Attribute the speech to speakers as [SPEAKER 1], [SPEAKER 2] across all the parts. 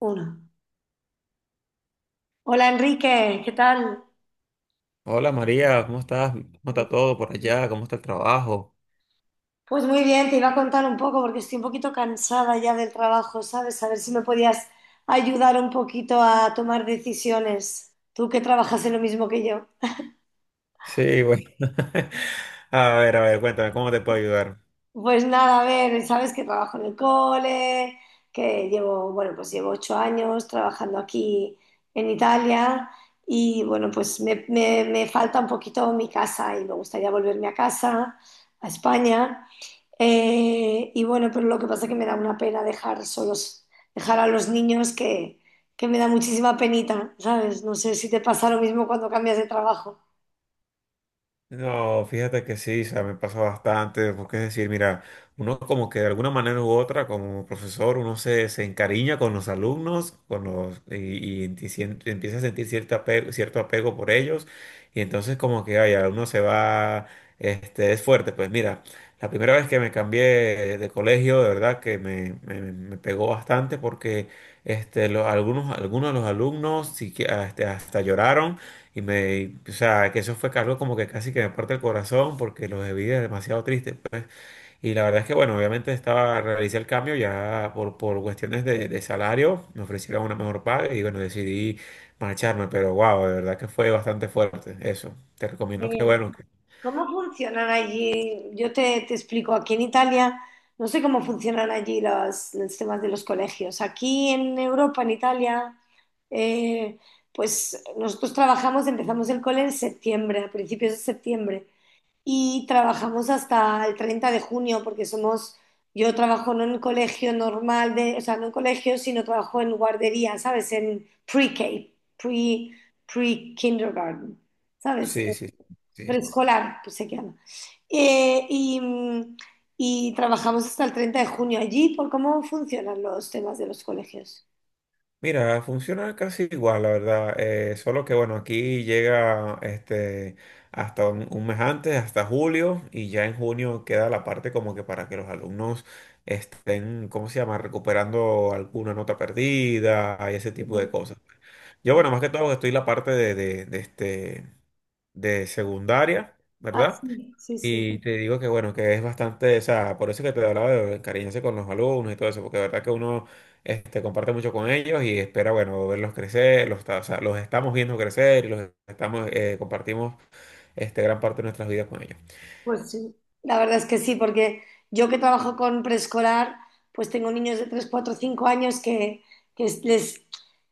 [SPEAKER 1] Uno. Hola Enrique, ¿qué tal?
[SPEAKER 2] Hola María, ¿cómo estás? ¿Cómo está todo por allá? ¿Cómo está el trabajo?
[SPEAKER 1] Pues muy bien, te iba a contar un poco porque estoy un poquito cansada ya del trabajo, ¿sabes? A ver si me podías ayudar un poquito a tomar decisiones. Tú que trabajas en lo mismo que yo.
[SPEAKER 2] Sí, bueno. A ver, cuéntame, ¿cómo te puedo ayudar?
[SPEAKER 1] Pues nada, a ver, sabes que trabajo en el cole, que llevo, bueno, pues llevo 8 años trabajando aquí en Italia y bueno, pues me falta un poquito mi casa y me gustaría volverme a casa, a España. Y bueno, pero lo que pasa es que me da una pena dejar solos, dejar a los niños que me da muchísima penita, ¿sabes? No sé si te pasa lo mismo cuando cambias de trabajo.
[SPEAKER 2] No, fíjate que sí, o sea, me pasa bastante, porque es decir, mira, uno como que de alguna manera u otra, como profesor, uno se encariña con los alumnos, con los, y enti- sien- empieza a sentir cierto apego por ellos, y entonces como que, ay, ya uno se va, es fuerte, pues mira, la primera vez que me cambié de colegio, de verdad que me pegó bastante, porque, algunos, algunos de los alumnos, sí que, hasta lloraron y me, o sea, que eso fue algo como que casi que me parte el corazón porque los vi demasiado triste pues. Y la verdad es que, bueno, obviamente estaba, realicé el cambio ya por cuestiones de salario, me ofrecieron una mejor paga y bueno, decidí marcharme, pero wow, de verdad que fue bastante fuerte eso. Te recomiendo que, bueno,
[SPEAKER 1] ¿Cómo funcionan allí? Yo te explico, aquí en Italia no sé cómo funcionan allí los temas de los colegios. Aquí en Europa, en Italia, eh, pues nosotros trabajamos, empezamos el cole en septiembre, a principios de septiembre, y trabajamos hasta el 30 de junio, porque somos, yo trabajo no en colegio normal, de, o sea, no en colegio, sino trabajo en guardería, ¿sabes? En pre-K, pre, pre-kindergarten, ¿sabes?
[SPEAKER 2] sí, sí, sí.
[SPEAKER 1] Preescolar, pues se llama. Eh, y, mm, y trabajamos hasta el 30 de junio allí por cómo funcionan los temas de los colegios.
[SPEAKER 2] Mira, funciona casi igual, la verdad. Solo que bueno, aquí llega hasta un mes antes, hasta julio, y ya en junio queda la parte como que para que los alumnos estén, ¿cómo se llama? Recuperando alguna nota perdida y ese
[SPEAKER 1] Sí,
[SPEAKER 2] tipo de cosas. Yo,
[SPEAKER 1] sí.
[SPEAKER 2] bueno, más que todo estoy en la parte de secundaria,
[SPEAKER 1] Ah,
[SPEAKER 2] ¿verdad?
[SPEAKER 1] sí, sí, sí.
[SPEAKER 2] Y te digo que bueno, que es bastante, o sea, por eso que te hablaba de encariñarse con los alumnos y todo eso, porque de verdad que uno comparte mucho con ellos y espera, bueno, verlos crecer, o sea, los estamos viendo crecer y los estamos, compartimos gran parte de nuestras vidas con ellos.
[SPEAKER 1] Pues sí, la verdad es que sí, porque yo que trabajo con preescolar, pues tengo niños de 3, 4, 5 años, que, que es- les,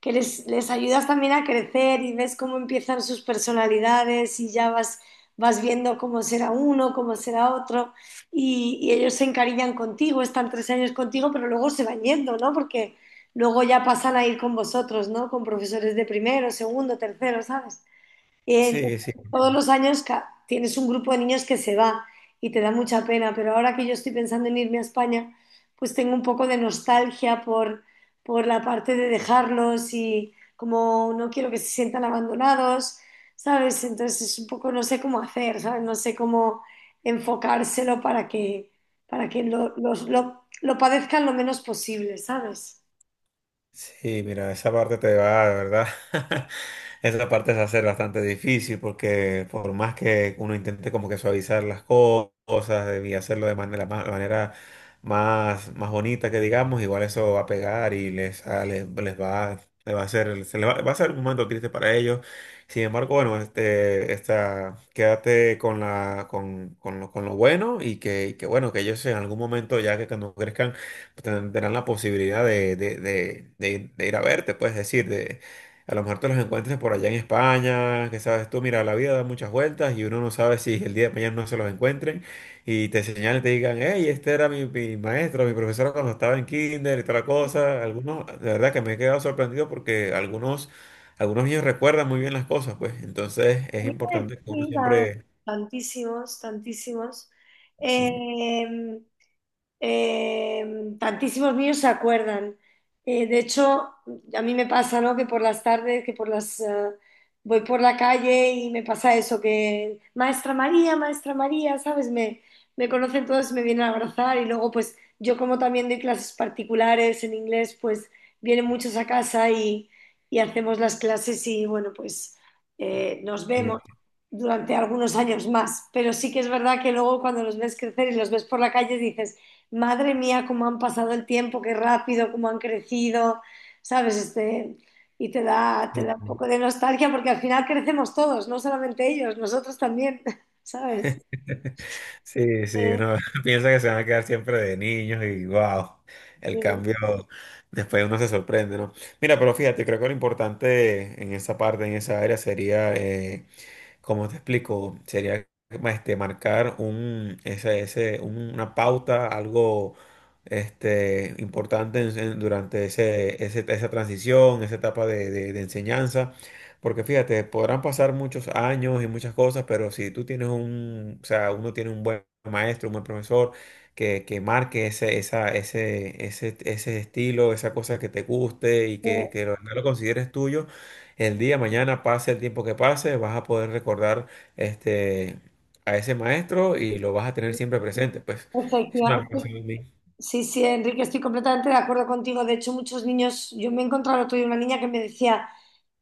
[SPEAKER 1] que les ayudas también a crecer y ves cómo empiezan sus personalidades y ya vas, vas viendo cómo será uno, cómo será otro y ellos se encariñan contigo, están 3 años contigo, pero luego se van yendo, ¿no? Porque luego ya pasan a ir con vosotros, ¿no? Con profesores de primero, segundo, tercero, ¿sabes? Y entonces,
[SPEAKER 2] Sí, sí.
[SPEAKER 1] todos los años tienes un grupo de niños que se va y te da mucha pena, pero ahora que yo estoy pensando en irme a España, pues tengo un poco de nostalgia por la parte de dejarlos y como no quiero que se sientan abandonados, ¿sabes? Entonces es un poco, no sé cómo hacer, ¿sabes? No sé cómo enfocárselo para que lo padezcan lo menos posible, ¿sabes?
[SPEAKER 2] Sí, mira, esa parte te va, de verdad. Esa parte se hace bastante difícil porque por más que uno intente como que suavizar las cosas y hacerlo de manera más, más bonita que digamos, igual eso va a pegar y les va a hacer, va a ser un momento triste para ellos. Sin embargo, bueno, quédate con la, con lo bueno y que bueno, que ellos en algún momento ya que cuando crezcan tendrán la posibilidad de ir a verte, puedes decir, de, a lo mejor te los encuentres por allá en España, que sabes tú, mira, la vida da muchas vueltas y uno no sabe si el día de mañana no se los encuentren y te señalen, te digan, hey, este era mi maestro, mi profesor cuando estaba en kinder y toda la cosa. Algunos, de verdad que me he quedado sorprendido porque algunos niños recuerdan muy bien las cosas, pues, entonces
[SPEAKER 1] A
[SPEAKER 2] es
[SPEAKER 1] mí
[SPEAKER 2] importante que uno
[SPEAKER 1] sí, va a ver,
[SPEAKER 2] siempre...
[SPEAKER 1] tantísimos, tantísimos.
[SPEAKER 2] Sí.
[SPEAKER 1] Eh, Eh, Tantísimos míos se acuerdan. De hecho, a mí me pasa, ¿no? Que por las tardes, que por las voy por la calle y me pasa eso, que Maestra María, Maestra María, ¿sabes? Me conocen todos, me vienen a abrazar y luego, pues yo como también doy clases particulares en inglés, pues vienen muchos a casa y hacemos las clases y bueno, pues nos vemos durante algunos años más, pero sí que es verdad que luego cuando los ves crecer y los ves por la calle dices, madre mía, cómo han pasado el tiempo, qué rápido, cómo han crecido, ¿sabes? Este, y te
[SPEAKER 2] Sí.
[SPEAKER 1] da un poco de nostalgia porque al final crecemos todos, no solamente ellos, nosotros también, ¿sabes?
[SPEAKER 2] Sí, sí,
[SPEAKER 1] Eh,
[SPEAKER 2] uno piensa que se van a quedar siempre de niños y wow, el
[SPEAKER 1] eh,
[SPEAKER 2] cambio, después uno se sorprende, ¿no? Mira, pero fíjate, creo que lo importante en esa parte, en esa área, sería como te explico, sería marcar un, ese, un- una pauta, algo importante durante esa transición, esa etapa de enseñanza. Porque fíjate, podrán pasar muchos años y muchas cosas, pero si o sea, uno tiene un buen maestro, un buen profesor que marque ese estilo, esa cosa que te guste y
[SPEAKER 1] eh,
[SPEAKER 2] que lo consideres tuyo el día, mañana, pase el tiempo que pase, vas a poder recordar este, a ese maestro y lo vas a tener siempre presente. Pues es una
[SPEAKER 1] efectiva-
[SPEAKER 2] relación
[SPEAKER 1] Sí, sí, Enrique, estoy completamente de acuerdo contigo. De hecho, muchos niños, yo me he encontrado el otro día una niña que me decía,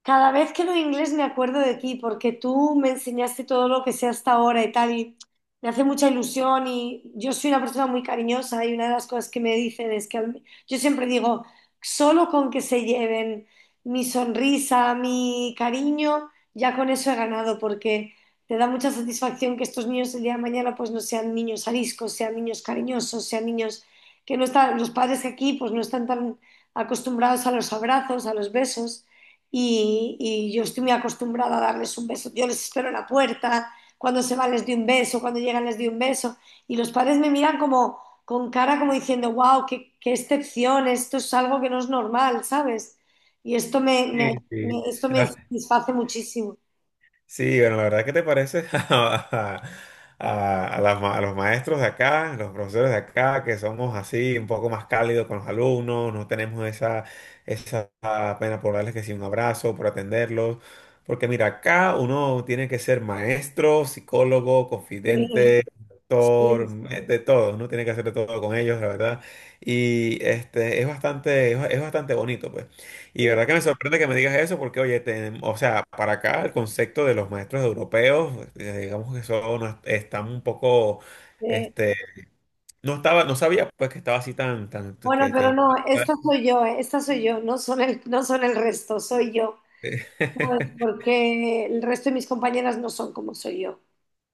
[SPEAKER 1] cada vez que veo inglés me acuerdo de ti, porque tú me enseñaste todo lo que sé hasta ahora y tal, y me hace mucha ilusión y yo soy una persona muy cariñosa y una de las cosas que me dicen es yo siempre digo, solo con que se lleven mi sonrisa, mi cariño, ya con eso he ganado, porque te da mucha satisfacción que estos niños el día de mañana pues no sean niños ariscos, sean niños cariñosos, sean niños que no están, los padres aquí pues no están tan acostumbrados a los abrazos, a los besos, y yo estoy muy acostumbrada a darles un beso. Yo les espero en la puerta, cuando se van les doy un beso, cuando llegan les doy un beso, y los padres me miran como con cara como diciendo, wow, qué, qué excepción, esto es algo que no es normal, ¿sabes? Y
[SPEAKER 2] sí, sí.
[SPEAKER 1] esto me satisface muchísimo.
[SPEAKER 2] Sí, bueno, la verdad, ¿qué te parece a, a los maestros de acá, los profesores de acá, que somos así un poco más cálidos con los alumnos, no tenemos esa pena por darles que sí un abrazo, por atenderlos? Porque mira, acá uno tiene que ser maestro, psicólogo,
[SPEAKER 1] Sí,
[SPEAKER 2] confidente,
[SPEAKER 1] sí,
[SPEAKER 2] doctor, de todo, uno tiene que hacer de todo con ellos, la verdad. Y es bastante bonito, pues. Y
[SPEAKER 1] sí,
[SPEAKER 2] verdad que me sorprende que me digas eso porque, oye, o sea, para acá el concepto de los maestros europeos, digamos que son, están un poco,
[SPEAKER 1] sí.
[SPEAKER 2] este, no estaba, no sabía pues que estaba así tan, tan,
[SPEAKER 1] Bueno, pero
[SPEAKER 2] que...
[SPEAKER 1] no, esta soy yo, no son el, no son el resto, soy yo. ¿Sabes? Porque el resto de mis compañeras no son como soy yo.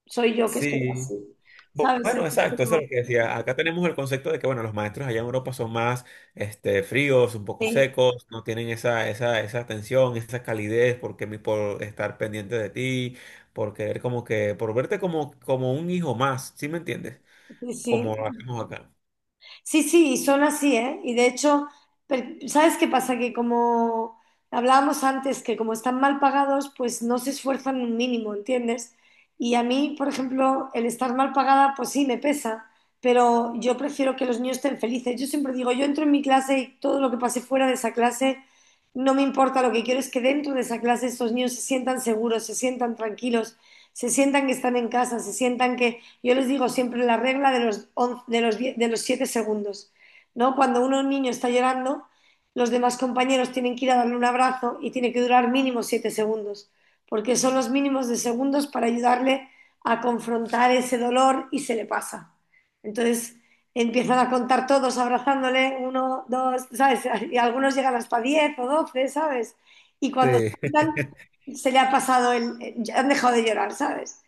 [SPEAKER 1] Soy yo que soy
[SPEAKER 2] Sí.
[SPEAKER 1] así, ¿sabes? El
[SPEAKER 2] Bueno,
[SPEAKER 1] resto
[SPEAKER 2] exacto, eso es
[SPEAKER 1] no.
[SPEAKER 2] lo que decía. Acá tenemos el concepto de que, bueno, los maestros allá en Europa son más, fríos, un poco
[SPEAKER 1] Sí,
[SPEAKER 2] secos, no tienen esa atención, esa calidez porque por estar pendiente de ti, por querer como que, por verte como, como un hijo más, ¿sí me entiendes?
[SPEAKER 1] sí,
[SPEAKER 2] Como lo
[SPEAKER 1] sí.
[SPEAKER 2] hacemos acá.
[SPEAKER 1] Sí, sí, y son así, ¿eh? Y de hecho, ¿sabes qué pasa? Que como hablábamos antes, que como están mal pagados, pues no se esfuerzan un mínimo, ¿entiendes? Y a mí, por ejemplo, el estar mal pagada, pues sí, me pesa, pero yo prefiero que los niños estén felices. Yo siempre digo, yo entro en mi clase y todo lo que pase fuera de esa clase, no me importa, lo que quiero es que dentro de esa clase estos niños se sientan seguros, se sientan tranquilos, se sientan que están en casa, se sientan que yo les digo siempre la regla de los, 11 de los, 10 de los 7 segundos. ¿No? Cuando uno, un niño está llorando, los demás compañeros tienen que ir a darle un abrazo y tiene que durar mínimo 7 segundos, porque son los mínimos de segundos para ayudarle a confrontar ese dolor y se le pasa. Entonces empiezan a contar todos abrazándole, uno, dos, ¿sabes? Y algunos llegan hasta 10 o 12, ¿sabes? Y cuando se
[SPEAKER 2] Sí,
[SPEAKER 1] quitan, se le ha pasado el. Han dejado de llorar, ¿sabes?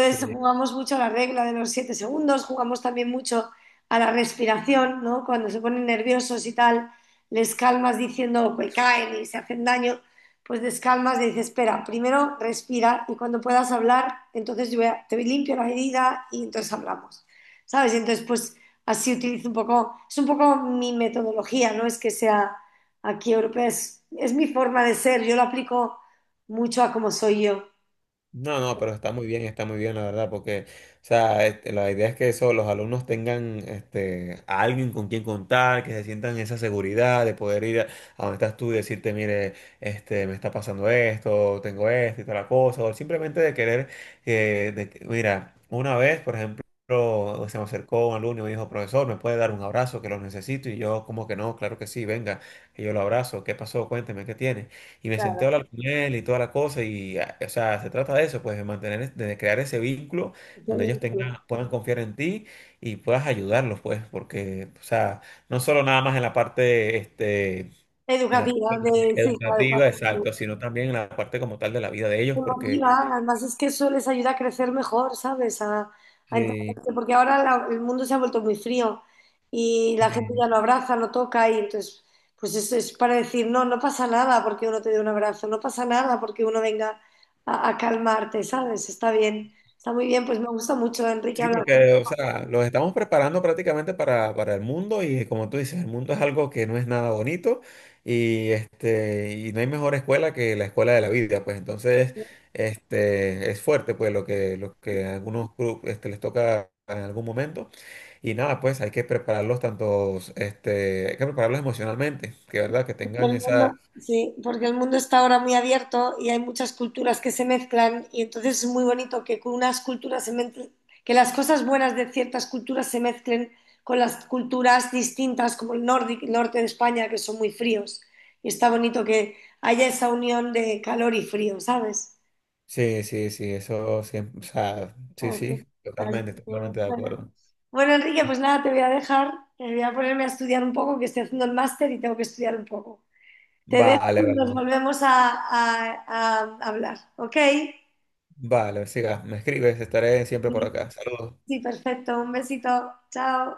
[SPEAKER 2] sí.
[SPEAKER 1] jugamos mucho a la regla de los 7 segundos, jugamos también mucho a la respiración, ¿no? Cuando se ponen nerviosos y tal, les calmas diciendo que caen y se hacen daño, pues les calmas y dices, espera, primero respira y cuando puedas hablar, entonces te limpio la herida y entonces hablamos, ¿sabes? Y entonces pues así utilizo un poco, es un poco mi metodología, no es que sea aquí europea, es mi forma de ser, yo lo aplico mucho a cómo soy yo.
[SPEAKER 2] No, no, pero está muy bien, la verdad, porque, o sea, la idea es que eso, los alumnos tengan a alguien con quien contar, que se sientan esa seguridad de poder ir a donde estás tú y decirte, mire, me está pasando esto, tengo esto y tal la cosa, o simplemente de querer, mira, una vez, por ejemplo, se me acercó un alumno y me dijo, profesor, ¿me puede dar un abrazo que lo necesito? Y yo, como que no, claro que sí, venga, y yo lo abrazo, ¿qué pasó? Cuénteme, ¿qué tiene? Y me senté a
[SPEAKER 1] Claro.
[SPEAKER 2] hablar con él y toda la cosa. Y, ah, o sea, se trata de eso, pues, de mantener, de crear ese vínculo donde ellos tengan, puedan confiar en ti y puedas ayudarlos, pues, porque, o sea, no solo nada más en la parte, en la
[SPEAKER 1] Educativa,
[SPEAKER 2] parte pues,
[SPEAKER 1] de, sí, claro, claro,
[SPEAKER 2] educativa, exacto, sino también en la parte como tal de la vida de ellos, porque...
[SPEAKER 1] emotiva. Además es que eso les ayuda a crecer mejor, ¿sabes? A
[SPEAKER 2] Sí,
[SPEAKER 1] entenderse, porque ahora el mundo se ha vuelto muy frío y la gente
[SPEAKER 2] sí.
[SPEAKER 1] ya no abraza, no toca y entonces, pues eso es para decir, no, no pasa nada porque uno te dé un abrazo, no pasa nada porque uno venga a calmarte, ¿sabes? Está bien, está muy bien, pues me gusta mucho, Enrique,
[SPEAKER 2] Sí,
[SPEAKER 1] hablar.
[SPEAKER 2] porque, o sea, los estamos preparando prácticamente para el mundo y como tú dices, el mundo es algo que no es nada bonito y, y no hay mejor escuela que la escuela de la vida, pues entonces es fuerte pues lo que a algunos les toca en algún momento y nada, pues hay que prepararlos tantos, hay que prepararlos emocionalmente, que verdad, que
[SPEAKER 1] Pero
[SPEAKER 2] tengan
[SPEAKER 1] el
[SPEAKER 2] esa...
[SPEAKER 1] mundo, sí, porque el mundo está ahora muy abierto y hay muchas culturas que se mezclan y entonces es muy bonito que con unas culturas que las cosas buenas de ciertas culturas se mezclen con las culturas distintas como el norte de España que son muy fríos y está bonito que haya esa unión de calor y frío, ¿sabes?
[SPEAKER 2] Sí, sí, sí, eso siempre, o sea, sí,
[SPEAKER 1] Así-
[SPEAKER 2] sí,
[SPEAKER 1] Así
[SPEAKER 2] totalmente,
[SPEAKER 1] que,
[SPEAKER 2] totalmente de
[SPEAKER 1] bueno.
[SPEAKER 2] acuerdo.
[SPEAKER 1] Bueno, Enrique, pues nada, te voy a dejar, voy a ponerme a estudiar un poco, que estoy haciendo el máster y tengo que estudiar un poco. Te dejo y
[SPEAKER 2] Vale, vale.
[SPEAKER 1] nos
[SPEAKER 2] Vale.
[SPEAKER 1] volvemos a hablar, ¿ok?
[SPEAKER 2] Vale, siga, me escribes, estaré siempre por
[SPEAKER 1] Sí,
[SPEAKER 2] acá. Saludos.
[SPEAKER 1] sí, perfecto. Un besito. Chao.